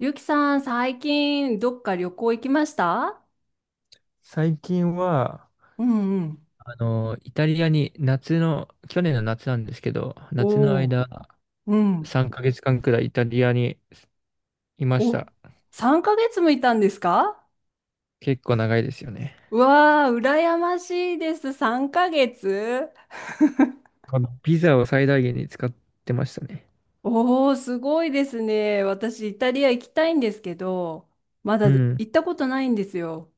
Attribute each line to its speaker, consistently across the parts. Speaker 1: ゆきさん、最近どっか旅行行きました？
Speaker 2: 最近は、
Speaker 1: うんうん。
Speaker 2: イタリアに去年の夏なんですけど、夏の
Speaker 1: おお、
Speaker 2: 間、
Speaker 1: うん。
Speaker 2: 3ヶ月間くらいイタリアにいまし
Speaker 1: お、
Speaker 2: た。
Speaker 1: 3ヶ月もいたんですか？
Speaker 2: 結構長いですよね。
Speaker 1: うわー、羨ましいです。3ヶ月。
Speaker 2: あのビザを最大限に使ってましたね。
Speaker 1: おー、すごいですね。私、イタリア行きたいんですけど、まだ
Speaker 2: う
Speaker 1: 行
Speaker 2: ん。
Speaker 1: ったことないんですよ。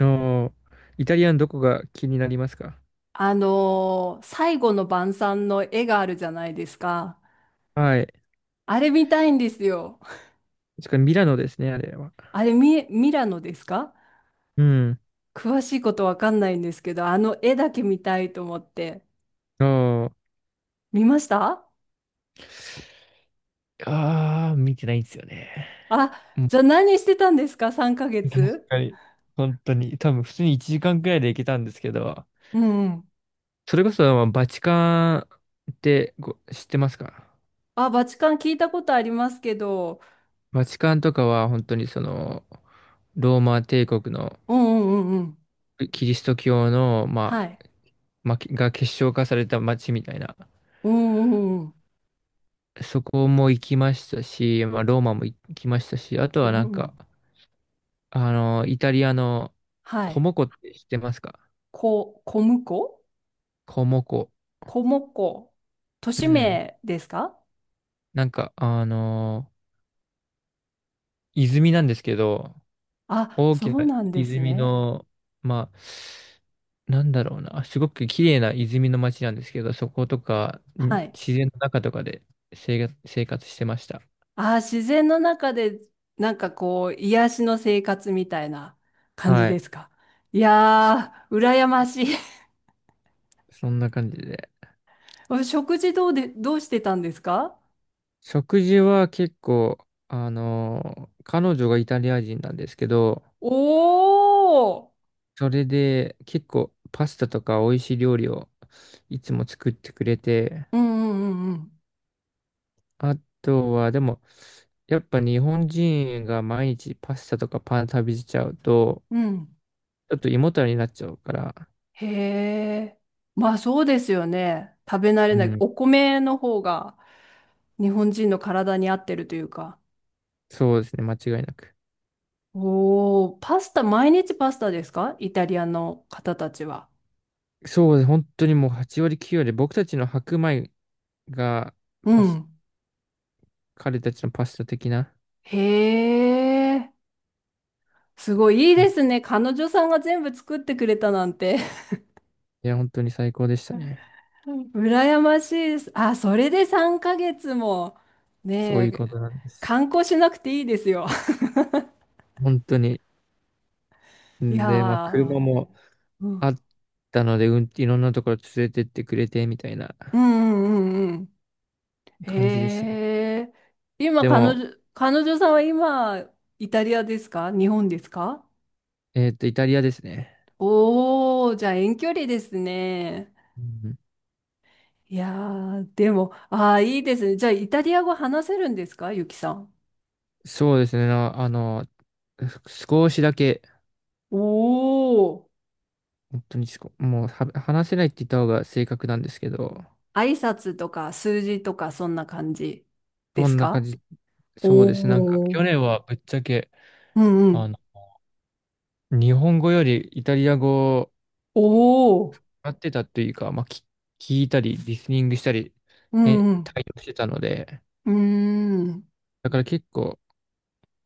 Speaker 2: おー。イタリアのどこが気になりますか？
Speaker 1: 最後の晩餐の絵があるじゃないですか。
Speaker 2: はい。
Speaker 1: あれ見たいんですよ。
Speaker 2: しかもミラノですね、あれは。
Speaker 1: あれ、ミラノですか？
Speaker 2: うん。
Speaker 1: 詳しいことわかんないんですけど、あの絵だけ見たいと思って。
Speaker 2: おー。
Speaker 1: 見ました？
Speaker 2: あー、見てないんですよね。
Speaker 1: あ、
Speaker 2: うん。
Speaker 1: じゃあ何してたんですか ?3 ヶ
Speaker 2: 確
Speaker 1: 月？
Speaker 2: かに。本当に。多分、普通に1時間くらいで行けたんですけど、
Speaker 1: うんうん。
Speaker 2: それこそ、まあバチカンってご知ってますか？
Speaker 1: あ、バチカン聞いたことありますけど、
Speaker 2: バチカンとかは本当にその、ローマ帝国の
Speaker 1: うんうんうんうん。
Speaker 2: キリスト教の、ま
Speaker 1: は
Speaker 2: あ、
Speaker 1: い。
Speaker 2: まあ、が結晶化された街みたいな、
Speaker 1: うんうんうんうん。
Speaker 2: そこも行きましたし、まあ、ローマも行きましたし、あと
Speaker 1: う
Speaker 2: は
Speaker 1: ん
Speaker 2: なん
Speaker 1: う
Speaker 2: か、
Speaker 1: ん、
Speaker 2: イタリアの
Speaker 1: は
Speaker 2: コ
Speaker 1: い。
Speaker 2: モコって知ってますか？
Speaker 1: 小婿。
Speaker 2: コモコ。
Speaker 1: 小婿。都
Speaker 2: う
Speaker 1: 市
Speaker 2: ん。
Speaker 1: 名ですか？
Speaker 2: なんか、泉なんですけど、
Speaker 1: あ、
Speaker 2: 大
Speaker 1: そ
Speaker 2: き
Speaker 1: う
Speaker 2: な
Speaker 1: なんです
Speaker 2: 泉
Speaker 1: ね。
Speaker 2: の、まあ、なんだろうな、すごく綺麗な泉の町なんですけど、そことか、
Speaker 1: はい。
Speaker 2: 自然の中とかで生活してました。
Speaker 1: ああ、自然の中で、なんかこう、癒しの生活みたいな感じ
Speaker 2: は
Speaker 1: で
Speaker 2: い。
Speaker 1: すか？い
Speaker 2: そ、
Speaker 1: やー、羨ましい。
Speaker 2: そんな感じで。
Speaker 1: お食事どうしてたんですか？
Speaker 2: 食事は結構、あの彼女がイタリア人なんですけど、
Speaker 1: おー。
Speaker 2: それで結構パスタとか美味しい料理をいつも作ってくれて、
Speaker 1: うんうんうん
Speaker 2: あとは、でも、やっぱ日本人が毎日パスタとかパン食べちゃうと、
Speaker 1: うん。うん。
Speaker 2: ちょっと胃もたれになっちゃうから、
Speaker 1: へえ。まあそうですよね。食べ慣れ
Speaker 2: う
Speaker 1: ない。
Speaker 2: ん、
Speaker 1: お米の方が日本人の体に合ってるというか。
Speaker 2: そうですね、間違いなく。
Speaker 1: おー、パスタ、毎日パスタですか？イタリアの方たちは。
Speaker 2: そうですね、本当にもう8割9割、僕たちの白米が
Speaker 1: う
Speaker 2: パス、
Speaker 1: ん。
Speaker 2: 彼たちのパスタ的な、
Speaker 1: へえ。すごいいい
Speaker 2: そ
Speaker 1: で
Speaker 2: う。
Speaker 1: すね。彼女さんが全部作ってくれたなんて。
Speaker 2: いや、本当に最高でした ね。
Speaker 1: 羨ましいです。あ、それで3ヶ月も、ね
Speaker 2: そういう
Speaker 1: え、
Speaker 2: ことなんです。
Speaker 1: 観光しなくていいですよ。
Speaker 2: 本当に。
Speaker 1: い
Speaker 2: ん
Speaker 1: や
Speaker 2: で、まあ、
Speaker 1: ー、
Speaker 2: 車も
Speaker 1: う
Speaker 2: あ
Speaker 1: ん、
Speaker 2: ったので、うん、いろんなところ連れてってくれて、みたいな
Speaker 1: うんうんうんうん。
Speaker 2: 感じでし
Speaker 1: へ
Speaker 2: たね。
Speaker 1: え、今
Speaker 2: で
Speaker 1: 彼
Speaker 2: も、
Speaker 1: 女、彼女さんは今、イタリアですか？日本ですか？
Speaker 2: イタリアですね。
Speaker 1: おー、じゃあ遠距離ですね。
Speaker 2: うん。
Speaker 1: いやー、でも、いいですね。じゃあイタリア語話せるんですかゆきさん？
Speaker 2: そうですね。なあの、少しだけ、
Speaker 1: おー。
Speaker 2: 本当にすこもうは話せないって言った方が正確なんですけど、
Speaker 1: 挨拶とか数字とかそんな感じで
Speaker 2: そ
Speaker 1: す
Speaker 2: んな感
Speaker 1: か？
Speaker 2: じ、そうですね。なんか
Speaker 1: お
Speaker 2: 去
Speaker 1: ー。
Speaker 2: 年はぶっちゃけ、
Speaker 1: うんう
Speaker 2: あ
Speaker 1: ん。
Speaker 2: の、日本語よりイタリア語を
Speaker 1: おー。
Speaker 2: 使ってたというか、まあ、聞いたり、リスニングしたり、
Speaker 1: う
Speaker 2: へ
Speaker 1: ん
Speaker 2: 対応してたので、
Speaker 1: うん。うーん。
Speaker 2: だから結構、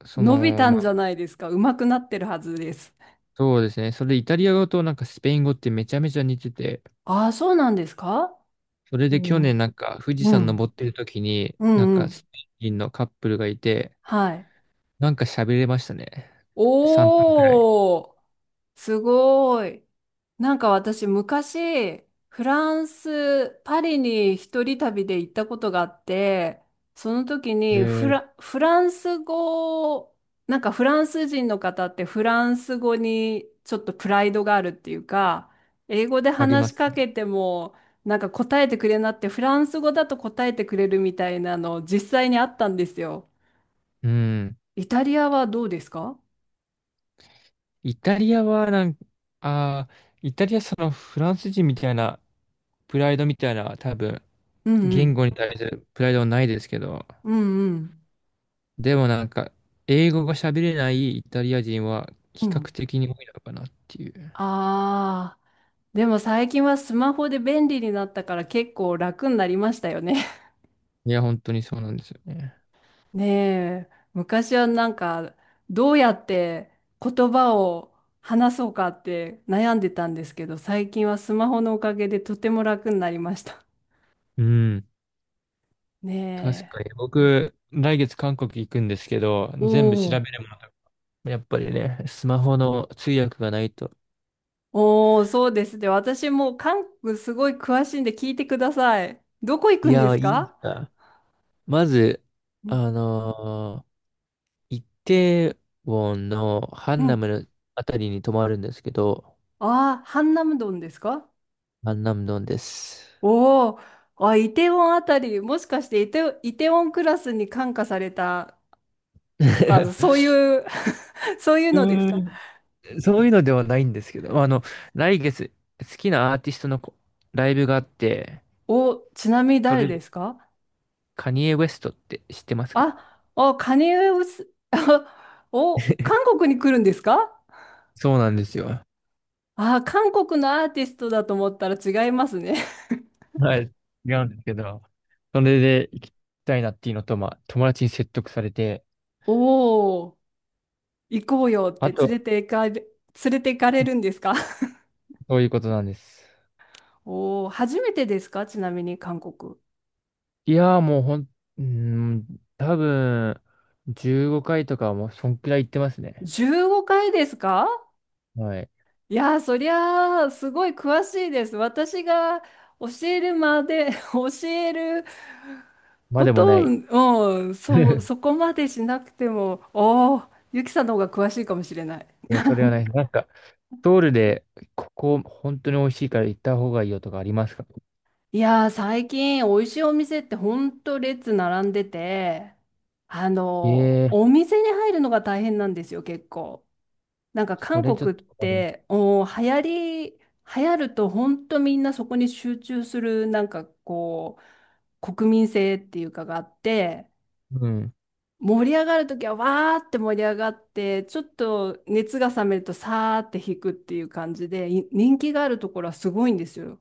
Speaker 2: そ
Speaker 1: 伸び
Speaker 2: の、
Speaker 1: た
Speaker 2: ま
Speaker 1: んじ
Speaker 2: あ、
Speaker 1: ゃないですか。上手くなってるはずです。
Speaker 2: そうですね。それでイタリア語となんかスペイン語ってめちゃめちゃ似てて、
Speaker 1: ああ、そうなんですか？
Speaker 2: それで去
Speaker 1: おー。
Speaker 2: 年なんか富士
Speaker 1: う
Speaker 2: 山登
Speaker 1: ん。
Speaker 2: ってる時に、
Speaker 1: う
Speaker 2: なん
Speaker 1: んう
Speaker 2: か
Speaker 1: ん。
Speaker 2: スペイン人のカップルがいて、
Speaker 1: はい。
Speaker 2: なんか喋れましたね。3分くらい。
Speaker 1: おー。すごい。なんか私昔、フランス、パリに一人旅で行ったことがあって、その時にフ
Speaker 2: え、
Speaker 1: ラ、フランス語を、なんかフランス人の方ってフランス語にちょっとプライドがあるっていうか、英語で
Speaker 2: あり
Speaker 1: 話
Speaker 2: ま
Speaker 1: し
Speaker 2: す
Speaker 1: か
Speaker 2: ね。
Speaker 1: けても、なんか答えてくれなってフランス語だと答えてくれるみたいなの実際にあったんですよ。
Speaker 2: うん。
Speaker 1: イタリアはどうですか？
Speaker 2: イタリアはなんか、ああ、イタリアそのフランス人みたいなプライドみたいな多分
Speaker 1: うんう
Speaker 2: 言
Speaker 1: ん。
Speaker 2: 語に対するプライドはないですけど、
Speaker 1: うんうん。
Speaker 2: でもなんか英語が喋れないイタリア人は
Speaker 1: う
Speaker 2: 比較
Speaker 1: ん。
Speaker 2: 的に多いのかなっていう。
Speaker 1: ああ。でも最近はスマホで便利になったから結構楽になりましたよね。
Speaker 2: いや、本当にそうなんですよね。
Speaker 1: ねえ、昔はなんかどうやって言葉を話そうかって悩んでたんですけど、最近はスマホのおかげでとても楽になりました。
Speaker 2: うん。確
Speaker 1: ねえ。
Speaker 2: かに僕、来月韓国行くんですけど、
Speaker 1: お
Speaker 2: 全部調べ
Speaker 1: お、
Speaker 2: るものとか、やっぱりね、スマホの通訳がないと。
Speaker 1: おお、そうですね。私もう韓国すごい詳しいんで聞いてください。どこ行
Speaker 2: い
Speaker 1: くんで
Speaker 2: や
Speaker 1: す
Speaker 2: ー、いい
Speaker 1: か？
Speaker 2: な。まず、
Speaker 1: うん。
Speaker 2: あのイテウォンのハ
Speaker 1: う
Speaker 2: ンナ
Speaker 1: ん。
Speaker 2: ムのあたりに泊まるんですけど、
Speaker 1: ああー、ハンナムドンですか？
Speaker 2: ハンナムドンです。
Speaker 1: おお、あ、イテウォンあたり、もしかしてイテウォンクラスに感化されたとか、そう いう そういう
Speaker 2: う
Speaker 1: のですか？
Speaker 2: ーん、そういうのではないんですけど、来月、好きなアーティストのライブがあって、
Speaker 1: お、ちなみに
Speaker 2: そ
Speaker 1: 誰
Speaker 2: れ
Speaker 1: で
Speaker 2: で、
Speaker 1: すか？
Speaker 2: カニエ・ウェストって知ってますか？
Speaker 1: あ、おカニエウス、お、韓 国に来るんですか？
Speaker 2: そうなんですよ。
Speaker 1: あ、韓国のアーティストだと思ったら違いますね。
Speaker 2: はい、違うんですけど、それで行きたいなっていうのと、まあ、友達に説得されて、
Speaker 1: おお、行こうよっ
Speaker 2: あ
Speaker 1: て
Speaker 2: と、
Speaker 1: 連れて行かれるんですか？
Speaker 2: そういうことなんです。
Speaker 1: お おー、初めてですかちなみに韓国？
Speaker 2: いやー、もうほん、うーん、多分、15回とかはもう、そんくらい行ってますね。
Speaker 1: 15回ですか？
Speaker 2: はい。
Speaker 1: いやー、そりゃあ、すごい詳しいです。私が教えるまで、教える
Speaker 2: まあ
Speaker 1: こ
Speaker 2: でもな
Speaker 1: と
Speaker 2: い。
Speaker 1: を、うん、そ、そこまでしなくても、おーゆきさんの方が詳しいかもしれない。
Speaker 2: いや、それはない。なんか、ソウルで、ここ、本当に美味しいから行った方がいいよとかありますか？
Speaker 1: いやー、最近、美味しいお店ってほんと列並んでて、あの、
Speaker 2: ええ
Speaker 1: お店に入るのが大変なんですよ、結構。なんか
Speaker 2: ー、そ
Speaker 1: 韓
Speaker 2: れちょっ
Speaker 1: 国っ
Speaker 2: と困る、
Speaker 1: ておー流行り流行ると本当みんなそこに集中するなんかこう国民性っていうかがあって
Speaker 2: うん。
Speaker 1: 盛り上がる時はわーって盛り上がってちょっと熱が冷めるとさーって引くっていう感じでい人気があるところはすごいんですよ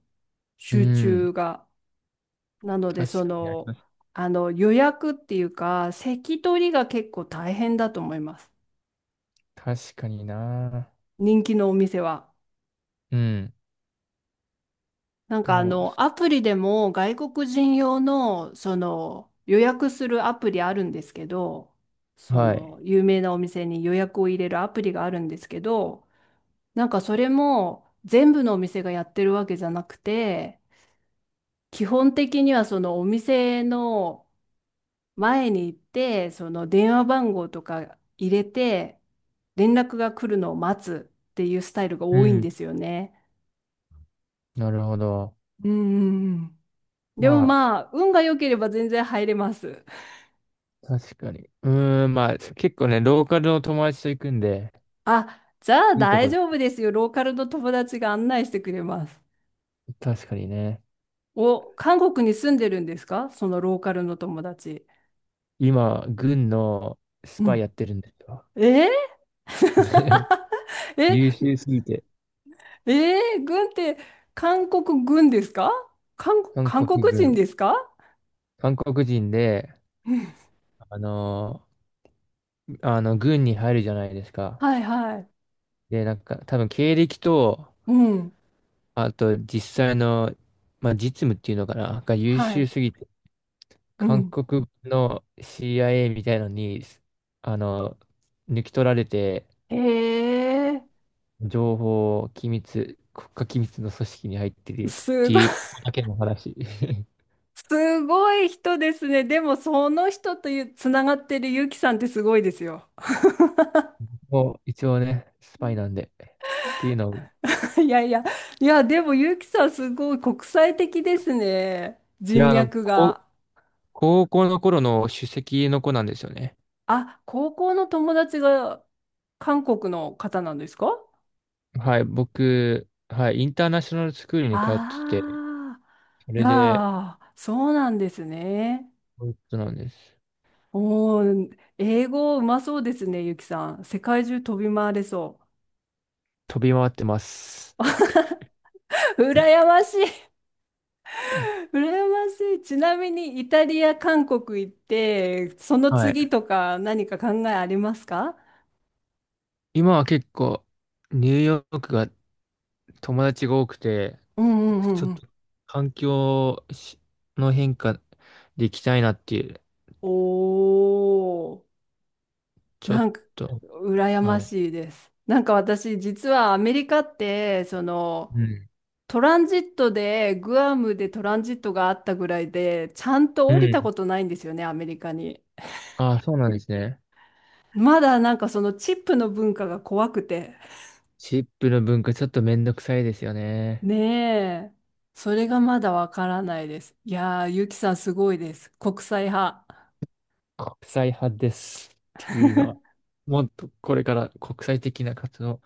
Speaker 2: う
Speaker 1: 集
Speaker 2: ん。
Speaker 1: 中が。なので
Speaker 2: 確かにあります。
Speaker 1: あの予約っていうか席取りが結構大変だと思います
Speaker 2: 確かにな。
Speaker 1: 人気のお店は。
Speaker 2: うん。
Speaker 1: なんか
Speaker 2: と、
Speaker 1: アプリでも外国人用の、その、予約するアプリあるんですけど、そ
Speaker 2: はい。
Speaker 1: の、有名なお店に予約を入れるアプリがあるんですけど、なんかそれも全部のお店がやってるわけじゃなくて、基本的にはそのお店の前に行って、その電話番号とか入れて、連絡が来るのを待つっていうスタイルが
Speaker 2: う
Speaker 1: 多いん
Speaker 2: ん。
Speaker 1: ですよね。
Speaker 2: なるほど。
Speaker 1: うんうんうん。でも
Speaker 2: まあ、
Speaker 1: まあ、運が良ければ全然入れます。
Speaker 2: 確かに。うーん、まあ、結構ね、ローカルの友達と行くんで、
Speaker 1: あ、じゃあ
Speaker 2: いいと
Speaker 1: 大
Speaker 2: こ、ろ
Speaker 1: 丈夫ですよ。ローカルの友達が案内してくれます。
Speaker 2: 確かにね。
Speaker 1: お、韓国に住んでるんですかそのローカルの友達？
Speaker 2: 今、軍のス
Speaker 1: う
Speaker 2: パイ
Speaker 1: ん。
Speaker 2: やってるんですよ。
Speaker 1: えー、え、
Speaker 2: 優秀すぎて、
Speaker 1: えー、軍って韓国軍ですか？韓国、
Speaker 2: 韓
Speaker 1: 韓
Speaker 2: 国
Speaker 1: 国人
Speaker 2: 軍、
Speaker 1: ですか？
Speaker 2: 韓国人で、
Speaker 1: うん
Speaker 2: あの軍に入るじゃないですか。
Speaker 1: はいはい。
Speaker 2: で、なんか、多分経歴と、
Speaker 1: うん。
Speaker 2: あと実際の、まあ、実務っていうのかな、が優
Speaker 1: は
Speaker 2: 秀
Speaker 1: い。
Speaker 2: すぎて
Speaker 1: う
Speaker 2: 韓
Speaker 1: ん。
Speaker 2: 国の CIA みたいのに、あの、抜き取られて、
Speaker 1: え
Speaker 2: 情報機密、国家機密の組織に入って
Speaker 1: ー、
Speaker 2: るっ
Speaker 1: す
Speaker 2: て
Speaker 1: ごい。
Speaker 2: いう、ここだけの話。
Speaker 1: すごい人ですね。でも、その人というつながってるゆきさんってすごいですよ。
Speaker 2: もう一応ね、スパイなんで。っていうのを、
Speaker 1: いやいや、いや、でもゆきさんすごい国際的ですね。
Speaker 2: い
Speaker 1: 人
Speaker 2: や、
Speaker 1: 脈
Speaker 2: 高
Speaker 1: が。
Speaker 2: 高校の頃の首席の子なんですよね。
Speaker 1: あ、高校の友達が韓国の方なんですか？
Speaker 2: はい、僕、はい、インターナショナルスクールに通ってて、
Speaker 1: ああ
Speaker 2: そ
Speaker 1: ー、い
Speaker 2: れで、
Speaker 1: やー、そうなんですね。
Speaker 2: そういうことなんです。
Speaker 1: おー、英語うまそうですね、ゆきさん。世界中飛び回れそ
Speaker 2: 飛び回ってます。
Speaker 1: う。羨ましい。羨ましい。ちなみにイタリア、韓国行って、その
Speaker 2: はい。
Speaker 1: 次とか何か考えありますか？
Speaker 2: 今は結構ニューヨークが友達が多くて、
Speaker 1: うんうんう
Speaker 2: ちょ
Speaker 1: ん
Speaker 2: っ
Speaker 1: うん。
Speaker 2: と環境しの変化で行きたいなっていう、
Speaker 1: おー、
Speaker 2: ちょっ
Speaker 1: なんか
Speaker 2: と、
Speaker 1: 羨ま
Speaker 2: はい。
Speaker 1: しいです。なんか私実はアメリカってその
Speaker 2: うん。
Speaker 1: トランジットでグアムでトランジットがあったぐらいでちゃんと
Speaker 2: う
Speaker 1: 降りた
Speaker 2: ん。
Speaker 1: ことないんですよねアメリカに。
Speaker 2: ああ、そうなんですね。
Speaker 1: まだなんかそのチップの文化が怖くて。
Speaker 2: チップの文化ちょっとめんどくさいですよね。
Speaker 1: ねえ。それがまだわからないです。いやー、ゆきさんすごいです。国際派。
Speaker 2: 国際派ですっていうのは、もっとこれから国際的な活動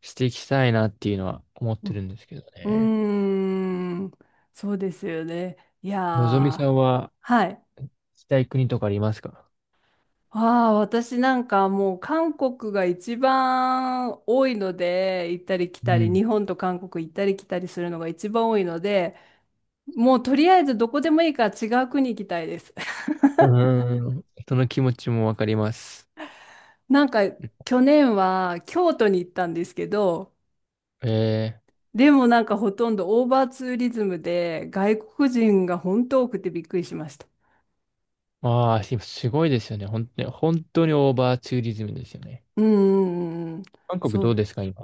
Speaker 2: していきたいなっていうのは思っ
Speaker 1: う
Speaker 2: てる
Speaker 1: ん、
Speaker 2: んですけど
Speaker 1: う
Speaker 2: ね。
Speaker 1: ーん、そうですよね。いや
Speaker 2: のぞみさ
Speaker 1: ー、
Speaker 2: んは
Speaker 1: はい。
Speaker 2: したい国とかありますか？
Speaker 1: ああ、私なんかもう韓国が一番多いので、行ったり来
Speaker 2: う
Speaker 1: たり、
Speaker 2: ん。
Speaker 1: 日本と韓国行ったり来たりするのが一番多いので、もうとりあえずどこでもいいから違う国行きたいです。
Speaker 2: うーん、人の気持ちもわかります。
Speaker 1: なんか去年は京都に行ったんですけど、
Speaker 2: ええー。
Speaker 1: でもなんかほとんどオーバーツーリズムで外国人が本当多くてびっくりしました。
Speaker 2: ああ、今すごいですよね。本当に、本当にオーバーツーリズムですよね。
Speaker 1: うんうんうんうん。
Speaker 2: 韓国
Speaker 1: そ
Speaker 2: どう
Speaker 1: う。
Speaker 2: ですか、今。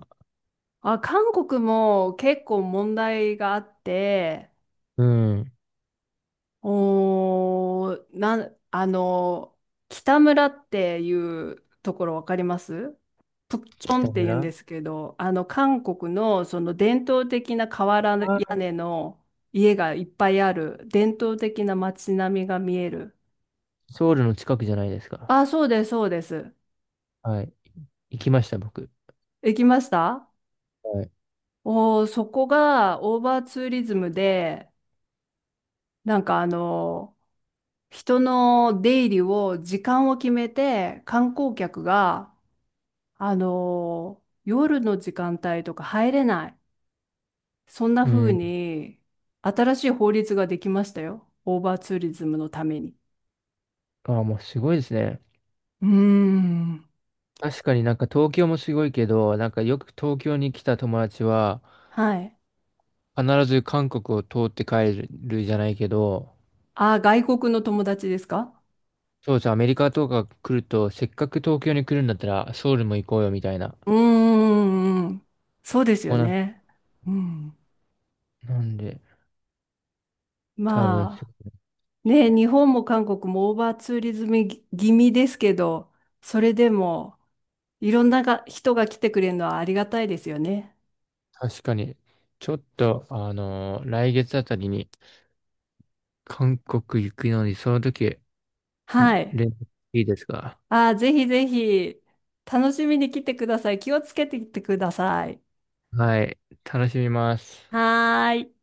Speaker 1: あ、韓国も結構問題があって、
Speaker 2: うん、
Speaker 1: おー、なん、あの、北村っていうところわかります？プッチョン
Speaker 2: 北
Speaker 1: って言うん
Speaker 2: 村。
Speaker 1: ですけど、あの、韓国のその伝統的な瓦
Speaker 2: あ
Speaker 1: 屋
Speaker 2: ー、
Speaker 1: 根の家がいっぱいある伝統的な街並みが見える。
Speaker 2: ソウルの近くじゃないですか。
Speaker 1: あ、そうです、そうです。
Speaker 2: はい。行きました、僕。
Speaker 1: 行きました？
Speaker 2: はい。
Speaker 1: おー、そこがオーバーツーリズムで、なんかあの、人の出入りを時間を決めて、観光客が、夜の時間帯とか入れない。そんな
Speaker 2: う
Speaker 1: 風
Speaker 2: ん。
Speaker 1: に、新しい法律ができましたよ。オーバーツーリズムのために。
Speaker 2: ああ、もうすごいですね。
Speaker 1: うーん。
Speaker 2: 確かになんか東京もすごいけど、なんかよく東京に来た友達は、
Speaker 1: はい。
Speaker 2: 必ず韓国を通って帰るじゃないけど、
Speaker 1: あ外国の友達ですか？
Speaker 2: そうです。アメリカとか来ると、せっかく東京に来るんだったら、ソウルも行こうよ、みたいな。
Speaker 1: うーん。そうですよ
Speaker 2: もうな、
Speaker 1: ね。うん。
Speaker 2: なんで、多分
Speaker 1: ま
Speaker 2: そ
Speaker 1: あ。
Speaker 2: うって
Speaker 1: ね、
Speaker 2: いう、
Speaker 1: 日本も韓国もオーバーツーリズム気味ですけど、それでもいろんなが人が来てくれるのはありがたいですよね。
Speaker 2: 確かに、ちょっと、来月あたりに、韓国行くのに、その時、
Speaker 1: はい。
Speaker 2: 連絡いいですか？
Speaker 1: あー、ぜひぜひ楽しみに来てください。気をつけてきてください。
Speaker 2: はい、楽しみます。
Speaker 1: はーい。